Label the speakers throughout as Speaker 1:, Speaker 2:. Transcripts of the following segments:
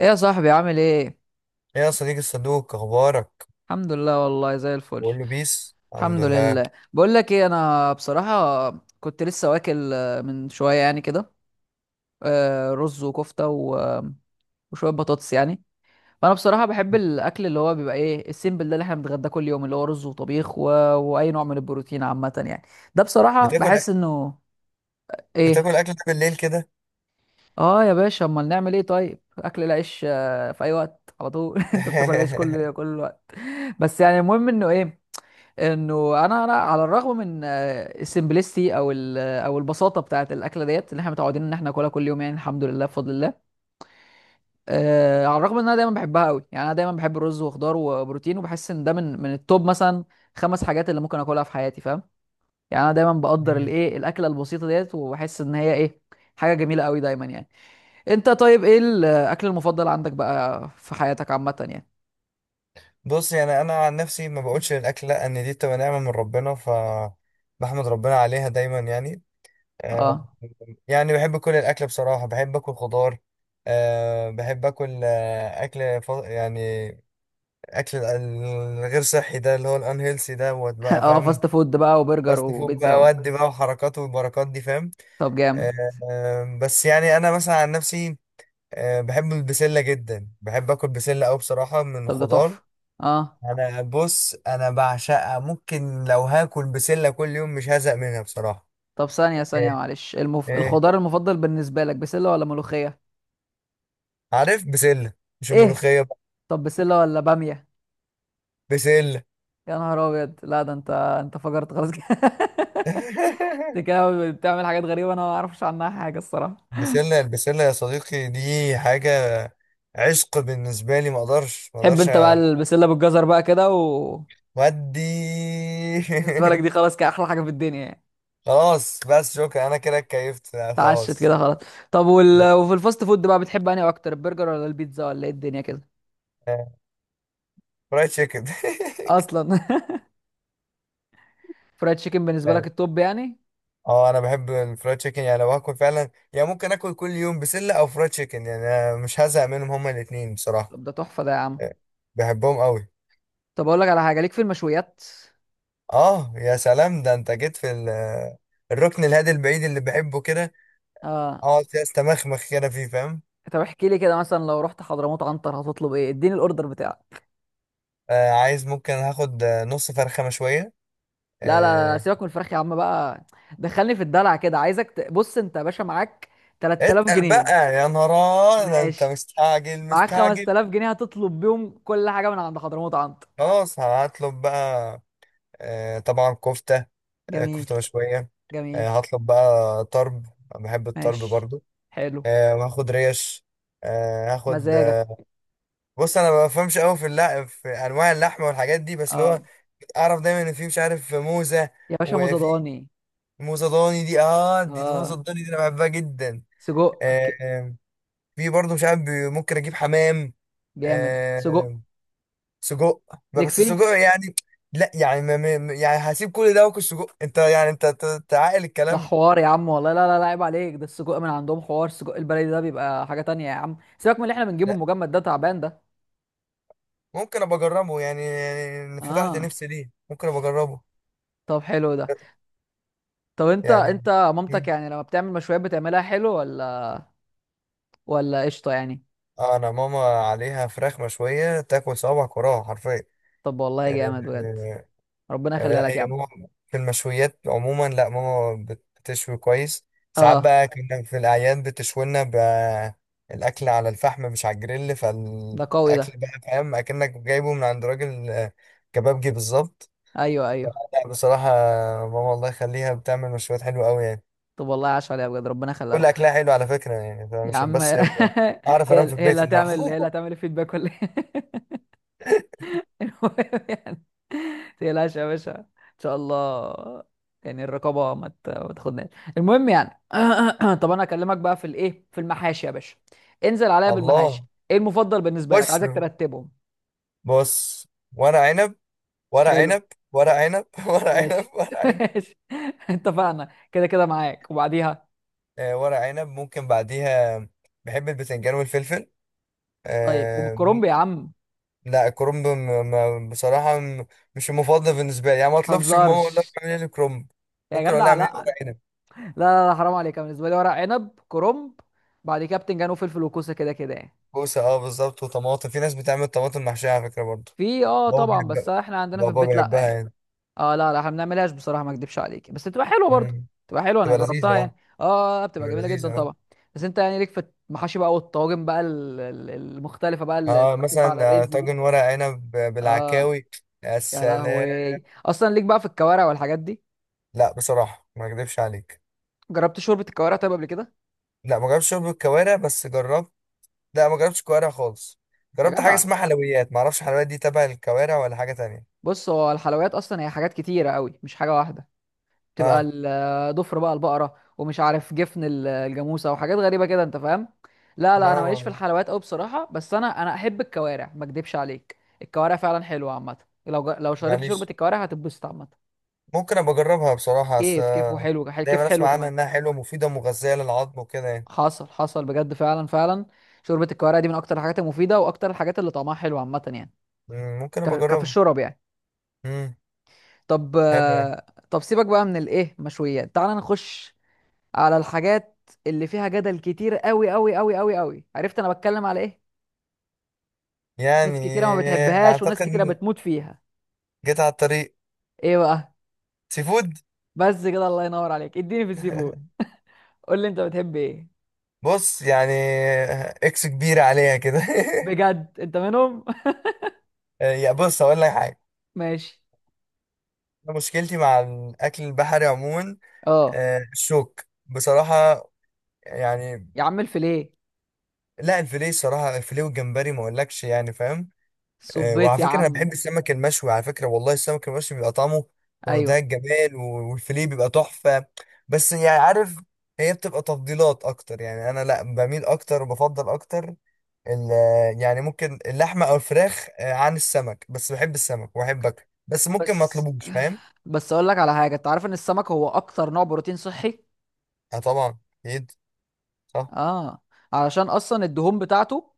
Speaker 1: ايه يا صاحبي عامل ايه؟
Speaker 2: ايه يا صديقي الصدوق، اخبارك؟
Speaker 1: الحمد لله، والله زي الفل.
Speaker 2: بقول له بيس، الحمد
Speaker 1: الحمد
Speaker 2: لله.
Speaker 1: لله. بقول لك ايه، انا بصراحه كنت لسه واكل من شويه يعني كده. رز وكفته وشويه بطاطس يعني. فانا بصراحه بحب الاكل اللي هو بيبقى ايه السيمبل ده اللي احنا بنتغداه كل يوم، اللي هو رز وطبيخ و واي نوع من البروتين عامه يعني. ده بصراحه
Speaker 2: بتاكل
Speaker 1: بحس
Speaker 2: أك...
Speaker 1: انه ايه.
Speaker 2: بتاكل اكل بالليل كده؟
Speaker 1: اه يا باشا، امال نعمل ايه؟ طيب اكل العيش في اي وقت على طول. انت بتاكل عيش كل كل وقت. بس يعني المهم انه ايه، انه انا على الرغم من السمبلستي او او البساطه بتاعه الاكله ديت اللي احنا متعودين ان احنا ناكلها كل يوم، يعني الحمد لله بفضل الله. على الرغم ان انا دايما بحبها قوي، يعني انا دايما بحب الرز وخضار وبروتين، وبحس ان ده من التوب مثلا خمس حاجات اللي ممكن اكلها في حياتي، فاهم؟ يعني انا دايما بقدر الايه، الاكله البسيطه ديت، وبحس ان هي ايه، حاجه جميله قوي دايما يعني. انت طيب ايه الاكل المفضل عندك بقى في حياتك عامه يعني؟
Speaker 2: بص، يعني انا عن نفسي ما بقولش الاكل، لا ان دي بتبقى نعمه من ربنا، ف بحمد ربنا عليها دايما يعني. آه،
Speaker 1: اه.
Speaker 2: يعني بحب كل الاكل بصراحه، بحب اكل خضار. بحب اكل اكل يعني اكل ال- الغير صحي ده اللي هو الانهيلسي ده بقى،
Speaker 1: اه،
Speaker 2: فاهم؟
Speaker 1: فاست فود بقى وبرجر
Speaker 2: فاست فود
Speaker 1: وبيتزا
Speaker 2: بقى
Speaker 1: و
Speaker 2: ودي بقى وحركات والبركات دي، فاهم؟
Speaker 1: طب جامد.
Speaker 2: بس يعني انا مثلا عن نفسي، بحب البسله جدا، بحب اكل بسله قوي بصراحه من
Speaker 1: طب ده
Speaker 2: الخضار.
Speaker 1: تحفة. اه.
Speaker 2: انا، بص، انا بعشقها، ممكن لو هاكل بسله كل يوم مش هزهق منها بصراحه.
Speaker 1: طب ثانية ثانية،
Speaker 2: ايه.
Speaker 1: معلش،
Speaker 2: إيه؟
Speaker 1: الخضار المفضل بالنسبة لك بسلة ولا ملوخية؟
Speaker 2: عارف، بسله. مش
Speaker 1: ايه.
Speaker 2: الملوخيه بقى.
Speaker 1: طب بسلة ولا بامية؟
Speaker 2: بسله.
Speaker 1: يا نهار ابيض، لا ده انت فجرت خلاص كده. انت كده بتعمل حاجات غريبة انا ما اعرفش عنها حاجة الصراحة.
Speaker 2: بسله، البسله يا صديقي دي حاجه عشق بالنسبه لي، ما اقدرش ما
Speaker 1: تحب
Speaker 2: اقدرش.
Speaker 1: انت بقى البسلة بالجزر بقى كده و
Speaker 2: ودي.
Speaker 1: بالنسبة لك دي خلاص كده احلى حاجة في الدنيا يعني؟
Speaker 2: خلاص بس شكرا، انا كده اتكيفت، لا.
Speaker 1: اتعشت كده خلاص. طب
Speaker 2: خلاص.
Speaker 1: وفي الفاست فود بقى بتحب انهي اكتر، البرجر ولا البيتزا ولا ايه الدنيا كده؟
Speaker 2: فرايد تشيكن.
Speaker 1: اصلا. فرايد تشيكن بالنسبة لك
Speaker 2: يعني.
Speaker 1: التوب يعني؟
Speaker 2: اه انا بحب الفرايد تشيكن يعني، لو هاكل فعلا يعني ممكن اكل كل يوم بسله او فرايد تشيكن، يعني أنا مش هزهق منهم هما الاثنين بصراحه.
Speaker 1: طب ده تحفة ده يا عم.
Speaker 2: آه، بحبهم قوي.
Speaker 1: طب اقول لك على حاجه، ليك في المشويات؟
Speaker 2: اه يا سلام، ده انت جيت في الركن الهادي البعيد اللي بحبه كده،
Speaker 1: اه.
Speaker 2: اقعد فيه استمخمخ كده فيه، فاهم؟
Speaker 1: طب احكي لي كده، مثلا لو رحت حضرموت عنتر هتطلب ايه؟ اديني الاوردر بتاعك.
Speaker 2: عايز، ممكن هاخد نص فرخه مشويه.
Speaker 1: لا لا لا،
Speaker 2: آه
Speaker 1: سيبك من الفراخ يا عم بقى. دخلني في الدلع كده، عايزك بص انت يا باشا معاك 3000
Speaker 2: اتقل
Speaker 1: جنيه
Speaker 2: بقى يا نهار، ده انت
Speaker 1: ماشي.
Speaker 2: مستعجل
Speaker 1: معاك
Speaker 2: مستعجل.
Speaker 1: 5000 جنيه، هتطلب بيهم كل حاجه من عند حضرموت عنتر.
Speaker 2: خلاص هطلب بقى. طبعا كفتة.
Speaker 1: جميل.
Speaker 2: كفتة مشوية.
Speaker 1: جميل.
Speaker 2: هطلب بقى طرب. أنا بحب الطرب
Speaker 1: ماشي.
Speaker 2: برضو.
Speaker 1: حلو.
Speaker 2: وهاخد ريش. هاخد
Speaker 1: مزاجك.
Speaker 2: بص انا ما بفهمش قوي في اللحم، في انواع اللحمه والحاجات دي، بس اللي
Speaker 1: اه
Speaker 2: هو اعرف دايما ان في، مش عارف، موزه،
Speaker 1: يا باشا، موزة
Speaker 2: وفي
Speaker 1: ضاني.
Speaker 2: موزه ضاني، دي اه دي موزه
Speaker 1: اه
Speaker 2: الضاني دي انا بحبها جدا.
Speaker 1: سجق،
Speaker 2: آه، آه، في برضو، مش عارف ممكن اجيب حمام.
Speaker 1: جامد سجق،
Speaker 2: آه، سجق بقى،
Speaker 1: ليك
Speaker 2: بس
Speaker 1: فيه.
Speaker 2: سجق يعني. لا يعني يعني هسيب كل ده واكل سجق؟ انت يعني انت تعقل
Speaker 1: ده
Speaker 2: الكلام.
Speaker 1: حوار يا عم والله، لا لا لا، عيب عليك، ده السجق من عندهم حوار، السجق البلدي ده بيبقى حاجة تانية يا عم، سيبك من اللي احنا بنجيبه
Speaker 2: لا
Speaker 1: المجمد ده، تعبان ده.
Speaker 2: ممكن ابقى اجربه، يعني فتحت
Speaker 1: اه.
Speaker 2: نفسي ليه، ممكن ابقى اجربه.
Speaker 1: طب حلو ده. طب انت
Speaker 2: يعني.
Speaker 1: انت مامتك
Speaker 2: مم.
Speaker 1: يعني لما بتعمل مشويات بتعملها حلو ولا قشطة يعني؟
Speaker 2: انا ماما عليها فراخ مشويه تاكل صوابعك وراها حرفيا.
Speaker 1: طب
Speaker 2: آه،
Speaker 1: والله جامد بجد،
Speaker 2: آه،
Speaker 1: ربنا
Speaker 2: يعني
Speaker 1: يخليها
Speaker 2: لا،
Speaker 1: لك يا
Speaker 2: هي
Speaker 1: عم.
Speaker 2: ماما في المشويات عموما، لا ماما بتشوي كويس. ساعات
Speaker 1: اه
Speaker 2: بقى كنا في الأعياد، بتشوي لنا الأكل على الفحم مش على الجريل،
Speaker 1: ده قوي ده.
Speaker 2: فالأكل بقى فاهم أكنك جايبه من عند راجل كبابجي بالظبط.
Speaker 1: ايوه ايوه.
Speaker 2: فلا بصراحة ماما الله يخليها بتعمل مشويات حلوة أوي يعني.
Speaker 1: طب والله عاش عليها بجد، ربنا يخليها
Speaker 2: كل
Speaker 1: لك.
Speaker 2: أكلها حلو على فكرة، يعني
Speaker 1: يا
Speaker 2: فمش
Speaker 1: عم
Speaker 2: بس
Speaker 1: هي
Speaker 2: يبقى أعرف أنام في
Speaker 1: هي اللي
Speaker 2: البيت
Speaker 1: هتعمل هي اللي
Speaker 2: النهاردة.
Speaker 1: هتعمل الفيدباك ولا إيه؟ المهم يعني، تقلقش يا باشا ان شاء الله، يعني الرقابه ما تاخدناش. المهم يعني طب انا اكلمك بقى في الايه، في المحاشي يا باشا. انزل عليا
Speaker 2: الله.
Speaker 1: بالمحاشي، ايه المفضل بالنسبه لك،
Speaker 2: وش.
Speaker 1: عايزك ترتبهم.
Speaker 2: بص. ورق عنب. ورق
Speaker 1: حلو.
Speaker 2: عنب. ورق عنب، ورق عنب،
Speaker 1: ماشي.
Speaker 2: ورق عنب.
Speaker 1: ماشي. اتفقنا كده، كده معاك وبعديها.
Speaker 2: ورق عنب ممكن بعديها. بحب البتنجان والفلفل.
Speaker 1: طيب
Speaker 2: آه،
Speaker 1: وبالكرنب يا
Speaker 2: مم-
Speaker 1: عم؟
Speaker 2: لا الكرنب بصراحة مش المفضل بالنسبة لي، يعني ما اطلبش من ماما اقول لها
Speaker 1: هزارش
Speaker 2: اعملي لي كرنب.
Speaker 1: يا
Speaker 2: ممكن اقول لها
Speaker 1: جدع، لا
Speaker 2: اعملي لي
Speaker 1: لا
Speaker 2: ورق عنب.
Speaker 1: لا لا، حرام عليك. أنا بالنسبه لي ورق عنب، كرنب، بعد كده بتنجان وفلفل وكوسه كده كده يعني.
Speaker 2: كوسة اه بالظبط، وطماطم، في ناس بتعمل طماطم محشية على فكرة برضه.
Speaker 1: في اه
Speaker 2: بابا
Speaker 1: طبعا، بس
Speaker 2: بيحبها،
Speaker 1: احنا عندنا في
Speaker 2: بابا
Speaker 1: البيت لا
Speaker 2: بيحبها
Speaker 1: يعني.
Speaker 2: يعني.
Speaker 1: اه لا لا، احنا ما بنعملهاش بصراحه ما اكدبش عليك، بس بتبقى حلوه برضه.
Speaker 2: مم.
Speaker 1: بتبقى حلوه، انا
Speaker 2: تبقى لذيذة
Speaker 1: جربتها يعني
Speaker 2: اه.
Speaker 1: اه، بتبقى
Speaker 2: تبقى
Speaker 1: جميله جدا
Speaker 2: لذيذة اه.
Speaker 1: طبعا. بس انت يعني ليك في المحاشي بقى والطواجن بقى المختلفه بقى اللي
Speaker 2: اه
Speaker 1: بتشوفها على
Speaker 2: مثلا
Speaker 1: الريلز دي؟
Speaker 2: طاجن ورق عنب
Speaker 1: اه.
Speaker 2: بالعكاوي. يا
Speaker 1: يا
Speaker 2: سلام.
Speaker 1: لهوي، اصلا ليك بقى في الكوارع والحاجات دي؟
Speaker 2: لا بصراحة ما اكذبش عليك.
Speaker 1: جربت شوربه الكوارع طيب قبل كده؟
Speaker 2: لا ما جربتش شرب الكوارع، بس جربت. لا ما جربتش كوارع خالص.
Speaker 1: يا
Speaker 2: جربت حاجه
Speaker 1: جدع،
Speaker 2: اسمها، لا، حلويات، ما اعرفش حلويات دي تبع الكوارع ولا حاجه تانية.
Speaker 1: بص هو الحلويات اصلا هي حاجات كتيره قوي، مش حاجه واحده. تبقى
Speaker 2: اه
Speaker 1: ضفر بقى البقره ومش عارف جفن الجاموسه وحاجات غريبه كده انت فاهم. لا لا،
Speaker 2: لا
Speaker 1: انا ماليش في الحلويات قوي بصراحه، بس انا احب الكوارع ما اكدبش عليك، الكوارع فعلا حلوه عامه. لو شربت شوربه
Speaker 2: معليش،
Speaker 1: الكوارع هتتبسط عامه.
Speaker 2: ممكن ابقى اجربها بصراحه، بس
Speaker 1: كيف
Speaker 2: دايما اسمع
Speaker 1: حلو
Speaker 2: عنها
Speaker 1: كمان.
Speaker 2: انها حلوه ومفيده ومغذيه للعظم وكده يعني.
Speaker 1: حصل حصل بجد، فعلا فعلا. شوربه الكوارع دي من اكتر الحاجات المفيده واكتر الحاجات اللي طعمها حلو عامه يعني.
Speaker 2: ممكن ابقى
Speaker 1: كفي
Speaker 2: اجربها.
Speaker 1: الشرب يعني.
Speaker 2: امم.
Speaker 1: طب
Speaker 2: حلو يعني.
Speaker 1: طب سيبك بقى من الايه مشويات، تعال نخش على الحاجات اللي فيها جدل كتير، قوي قوي قوي قوي قوي، عرفت انا بتكلم على ايه؟
Speaker 2: يعني
Speaker 1: ناس كتيره ما بتحبهاش وناس
Speaker 2: اعتقد
Speaker 1: كتيره
Speaker 2: إن
Speaker 1: بتموت فيها.
Speaker 2: جيت على الطريق،
Speaker 1: ايه بقى؟
Speaker 2: سي فود.
Speaker 1: بس كده، الله ينور عليك، اديني في السي فود، قول لي انت بتحب ايه.
Speaker 2: بص يعني، اكس كبيره عليها كده.
Speaker 1: بجد انت منهم.
Speaker 2: يا بص هقول لك حاجه.
Speaker 1: ماشي.
Speaker 2: مشكلتي مع الاكل البحري عموما
Speaker 1: اه
Speaker 2: الشوك بصراحة، يعني.
Speaker 1: يا عم الفيليه.
Speaker 2: لا الفيليه صراحة، الفيليه والجمبري ما اقولكش يعني، فاهم؟
Speaker 1: صبيت
Speaker 2: وعلى
Speaker 1: يا
Speaker 2: فكرة انا
Speaker 1: عم.
Speaker 2: بحب السمك المشوي على فكرة، والله السمك المشوي بيبقى طعمه في منتهى
Speaker 1: ايوه.
Speaker 2: الجمال، والفيليه بيبقى تحفة. بس يعني عارف، هي بتبقى تفضيلات اكتر يعني، انا لا بميل اكتر وبفضل اكتر ال- يعني ممكن اللحمة او الفراخ عن السمك، بس بحب السمك واحبك، بس ممكن ما
Speaker 1: بس
Speaker 2: اطلبوش، فاهم؟
Speaker 1: بس اقول لك على حاجه، انت عارف ان السمك هو اكتر نوع بروتين صحي؟
Speaker 2: اه طبعا. اكيد. صح.
Speaker 1: اه، علشان اصلا الدهون بتاعته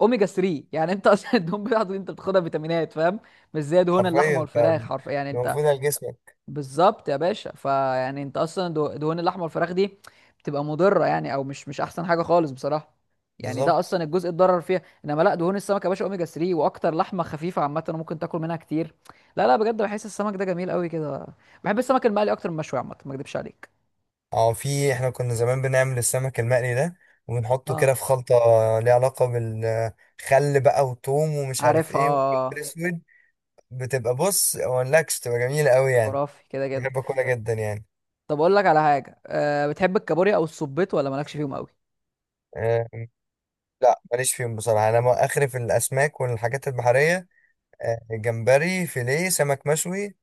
Speaker 1: اوميجا 3. يعني انت اصلا الدهون بتاعته دي انت بتاخدها فيتامينات، فاهم؟ مش زي دهون
Speaker 2: حرفيا
Speaker 1: اللحمه
Speaker 2: انت
Speaker 1: والفراخ، حرف يعني انت.
Speaker 2: المفروض على جسمك.
Speaker 1: بالظبط يا باشا، فيعني انت اصلا دهون اللحمه والفراخ دي بتبقى مضره يعني، او مش احسن حاجه خالص بصراحه. يعني ده
Speaker 2: بالظبط.
Speaker 1: اصلا الجزء اتضرر فيها، انما لا دهون السمك يا باشا اوميجا 3، واكتر لحمه خفيفه عامه وممكن تاكل منها كتير. لا لا، بجد بحس السمك ده جميل قوي كده. بحب السمك المقلي اكتر من المشوي عامه، ما اكدبش عليك.
Speaker 2: اه في، احنا كنا زمان بنعمل السمك المقلي ده، وبنحطه
Speaker 1: اه
Speaker 2: كده في خلطة ليها علاقة بالخل بقى، وتوم ومش عارف
Speaker 1: عارفها.
Speaker 2: ايه وفلفل اسود. بتبقى، بص مقولكش تبقى جميلة قوي يعني.
Speaker 1: خرافي كده كده.
Speaker 2: بحب اكلها جدا يعني.
Speaker 1: طب اقول لك على حاجه، بتحب الكابوريا او السبيط، ولا مالكش فيهم قوي؟
Speaker 2: أه. لا ماليش فيهم بصراحة، انا اخري في الاسماك والحاجات البحرية. أه جمبري، فيليه، سمك مشوي.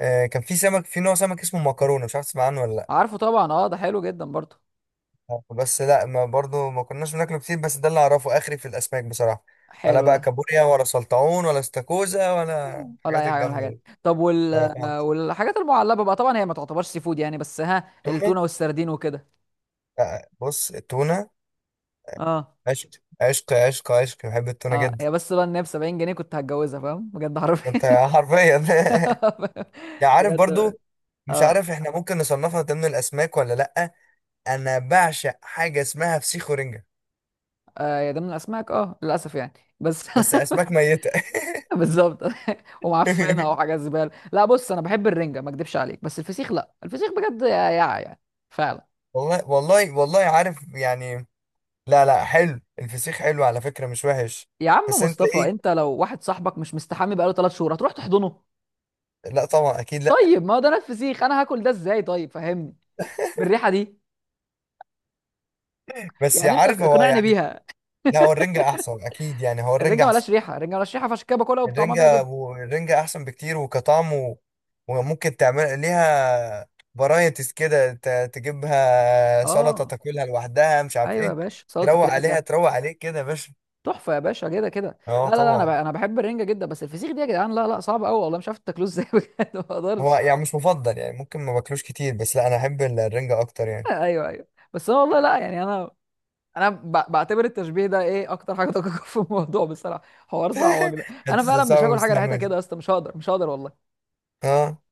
Speaker 2: أه كان في سمك، في نوع سمك اسمه مكرونة، مش عارف تسمع عنه ولا لأ.
Speaker 1: عارفه طبعا، اه ده حلو جدا برضه.
Speaker 2: بس لا، ما برضو ما كناش بناكله كتير، بس ده اللي اعرفه اخري في الاسماك بصراحه. ولا
Speaker 1: حلو
Speaker 2: بقى
Speaker 1: ده.
Speaker 2: كابوريا ولا سلطعون ولا استاكوزا ولا
Speaker 1: ولا
Speaker 2: الحاجات
Speaker 1: اي حاجه من
Speaker 2: الجامده
Speaker 1: الحاجات
Speaker 2: دي.
Speaker 1: دي. طب
Speaker 2: اه خالص.
Speaker 1: والحاجات المعلبه بقى، طبعا هي ما تعتبرش سي فود يعني، بس ها
Speaker 2: تونه.
Speaker 1: التونه والسردين وكده؟
Speaker 2: لا، بص التونه
Speaker 1: اه.
Speaker 2: عشق، عشق، عشق، عشق، بحب التونه
Speaker 1: اه
Speaker 2: جدا.
Speaker 1: هي بس بقى ان هي ب 70 جنيه كنت هتجوزها، فاهم؟ بجد
Speaker 2: انت
Speaker 1: حرفيا.
Speaker 2: حرفيا. يعني عارف
Speaker 1: بجد.
Speaker 2: برضو، مش
Speaker 1: اه.
Speaker 2: عارف احنا ممكن نصنفها ضمن الاسماك ولا لا. انا بعشق حاجه اسمها فسيخ ورنجه.
Speaker 1: يا ده من الاسماك اه للاسف يعني. بس
Speaker 2: بس اسماك ميته.
Speaker 1: بالظبط. ومعفنه وحاجه زباله. لا بص، انا بحب الرنجه ما اكدبش عليك، بس الفسيخ لا، الفسيخ بجد يا يعني فعلا.
Speaker 2: والله والله والله عارف يعني. لا لا، حلو الفسيخ، حلو على فكرة مش وحش.
Speaker 1: يا عم
Speaker 2: بس انت
Speaker 1: مصطفى،
Speaker 2: ايه.
Speaker 1: انت لو واحد صاحبك مش مستحمي بقاله 3 شهور هتروح تحضنه؟
Speaker 2: لا طبعا اكيد لا.
Speaker 1: طيب ما هو ده نفس فسيخ، انا هاكل ده ازاي طيب؟ فهمني بالريحه دي،
Speaker 2: بس
Speaker 1: يعني انت
Speaker 2: عارف هو
Speaker 1: اقنعني
Speaker 2: يعني،
Speaker 1: بيها.
Speaker 2: لا هو الرنجة احسن اكيد، يعني هو الرنجة
Speaker 1: الرنجه
Speaker 2: احسن.
Speaker 1: ملهاش ريحه، الرنجه ملهاش ريحه، فعشان كده باكلها وبطعمها
Speaker 2: الرنجة،
Speaker 1: بيعجبني.
Speaker 2: الرنجة احسن بكتير، وكطعم وممكن تعمل ليها فرايتيز كده، تجيبها سلطة،
Speaker 1: اه.
Speaker 2: تاكلها لوحدها، مش عارف
Speaker 1: ايوه يا
Speaker 2: ايه.
Speaker 1: باشا سلطه
Speaker 2: تروق عليها
Speaker 1: رنجه،
Speaker 2: تروق عليك كده يا باشا.
Speaker 1: تحفه يا باشا، كده كده. لا
Speaker 2: اه
Speaker 1: لا لا، انا
Speaker 2: طبعا،
Speaker 1: انا بحب الرنجه جدا، بس الفسيخ دي يا جدعان لا لا صعب قوي والله، مش عارف تاكلوه ازاي. بجد ما
Speaker 2: هو
Speaker 1: اقدرش.
Speaker 2: يعني مش مفضل يعني، ممكن ما باكلوش كتير، بس لا انا احب الرنجة اكتر يعني.
Speaker 1: ايوه ايوه. بس انا والله لا يعني، انا انا بعتبر التشبيه ده ايه اكتر حاجه دقيقه في الموضوع بصراحه. حوار صعب ده.
Speaker 2: انت
Speaker 1: انا فعلا مش
Speaker 2: صعب
Speaker 1: هاكل حاجه ريحتها
Speaker 2: مستعمل.
Speaker 1: كده يا اسطى، مش هقدر مش هقدر والله.
Speaker 2: اه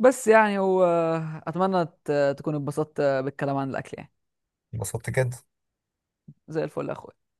Speaker 1: بس يعني هو، اتمنى تكونوا اتبسطت بالكلام عن الاكل يعني.
Speaker 2: انبسطت جدا.
Speaker 1: زي الفل يا اخويا.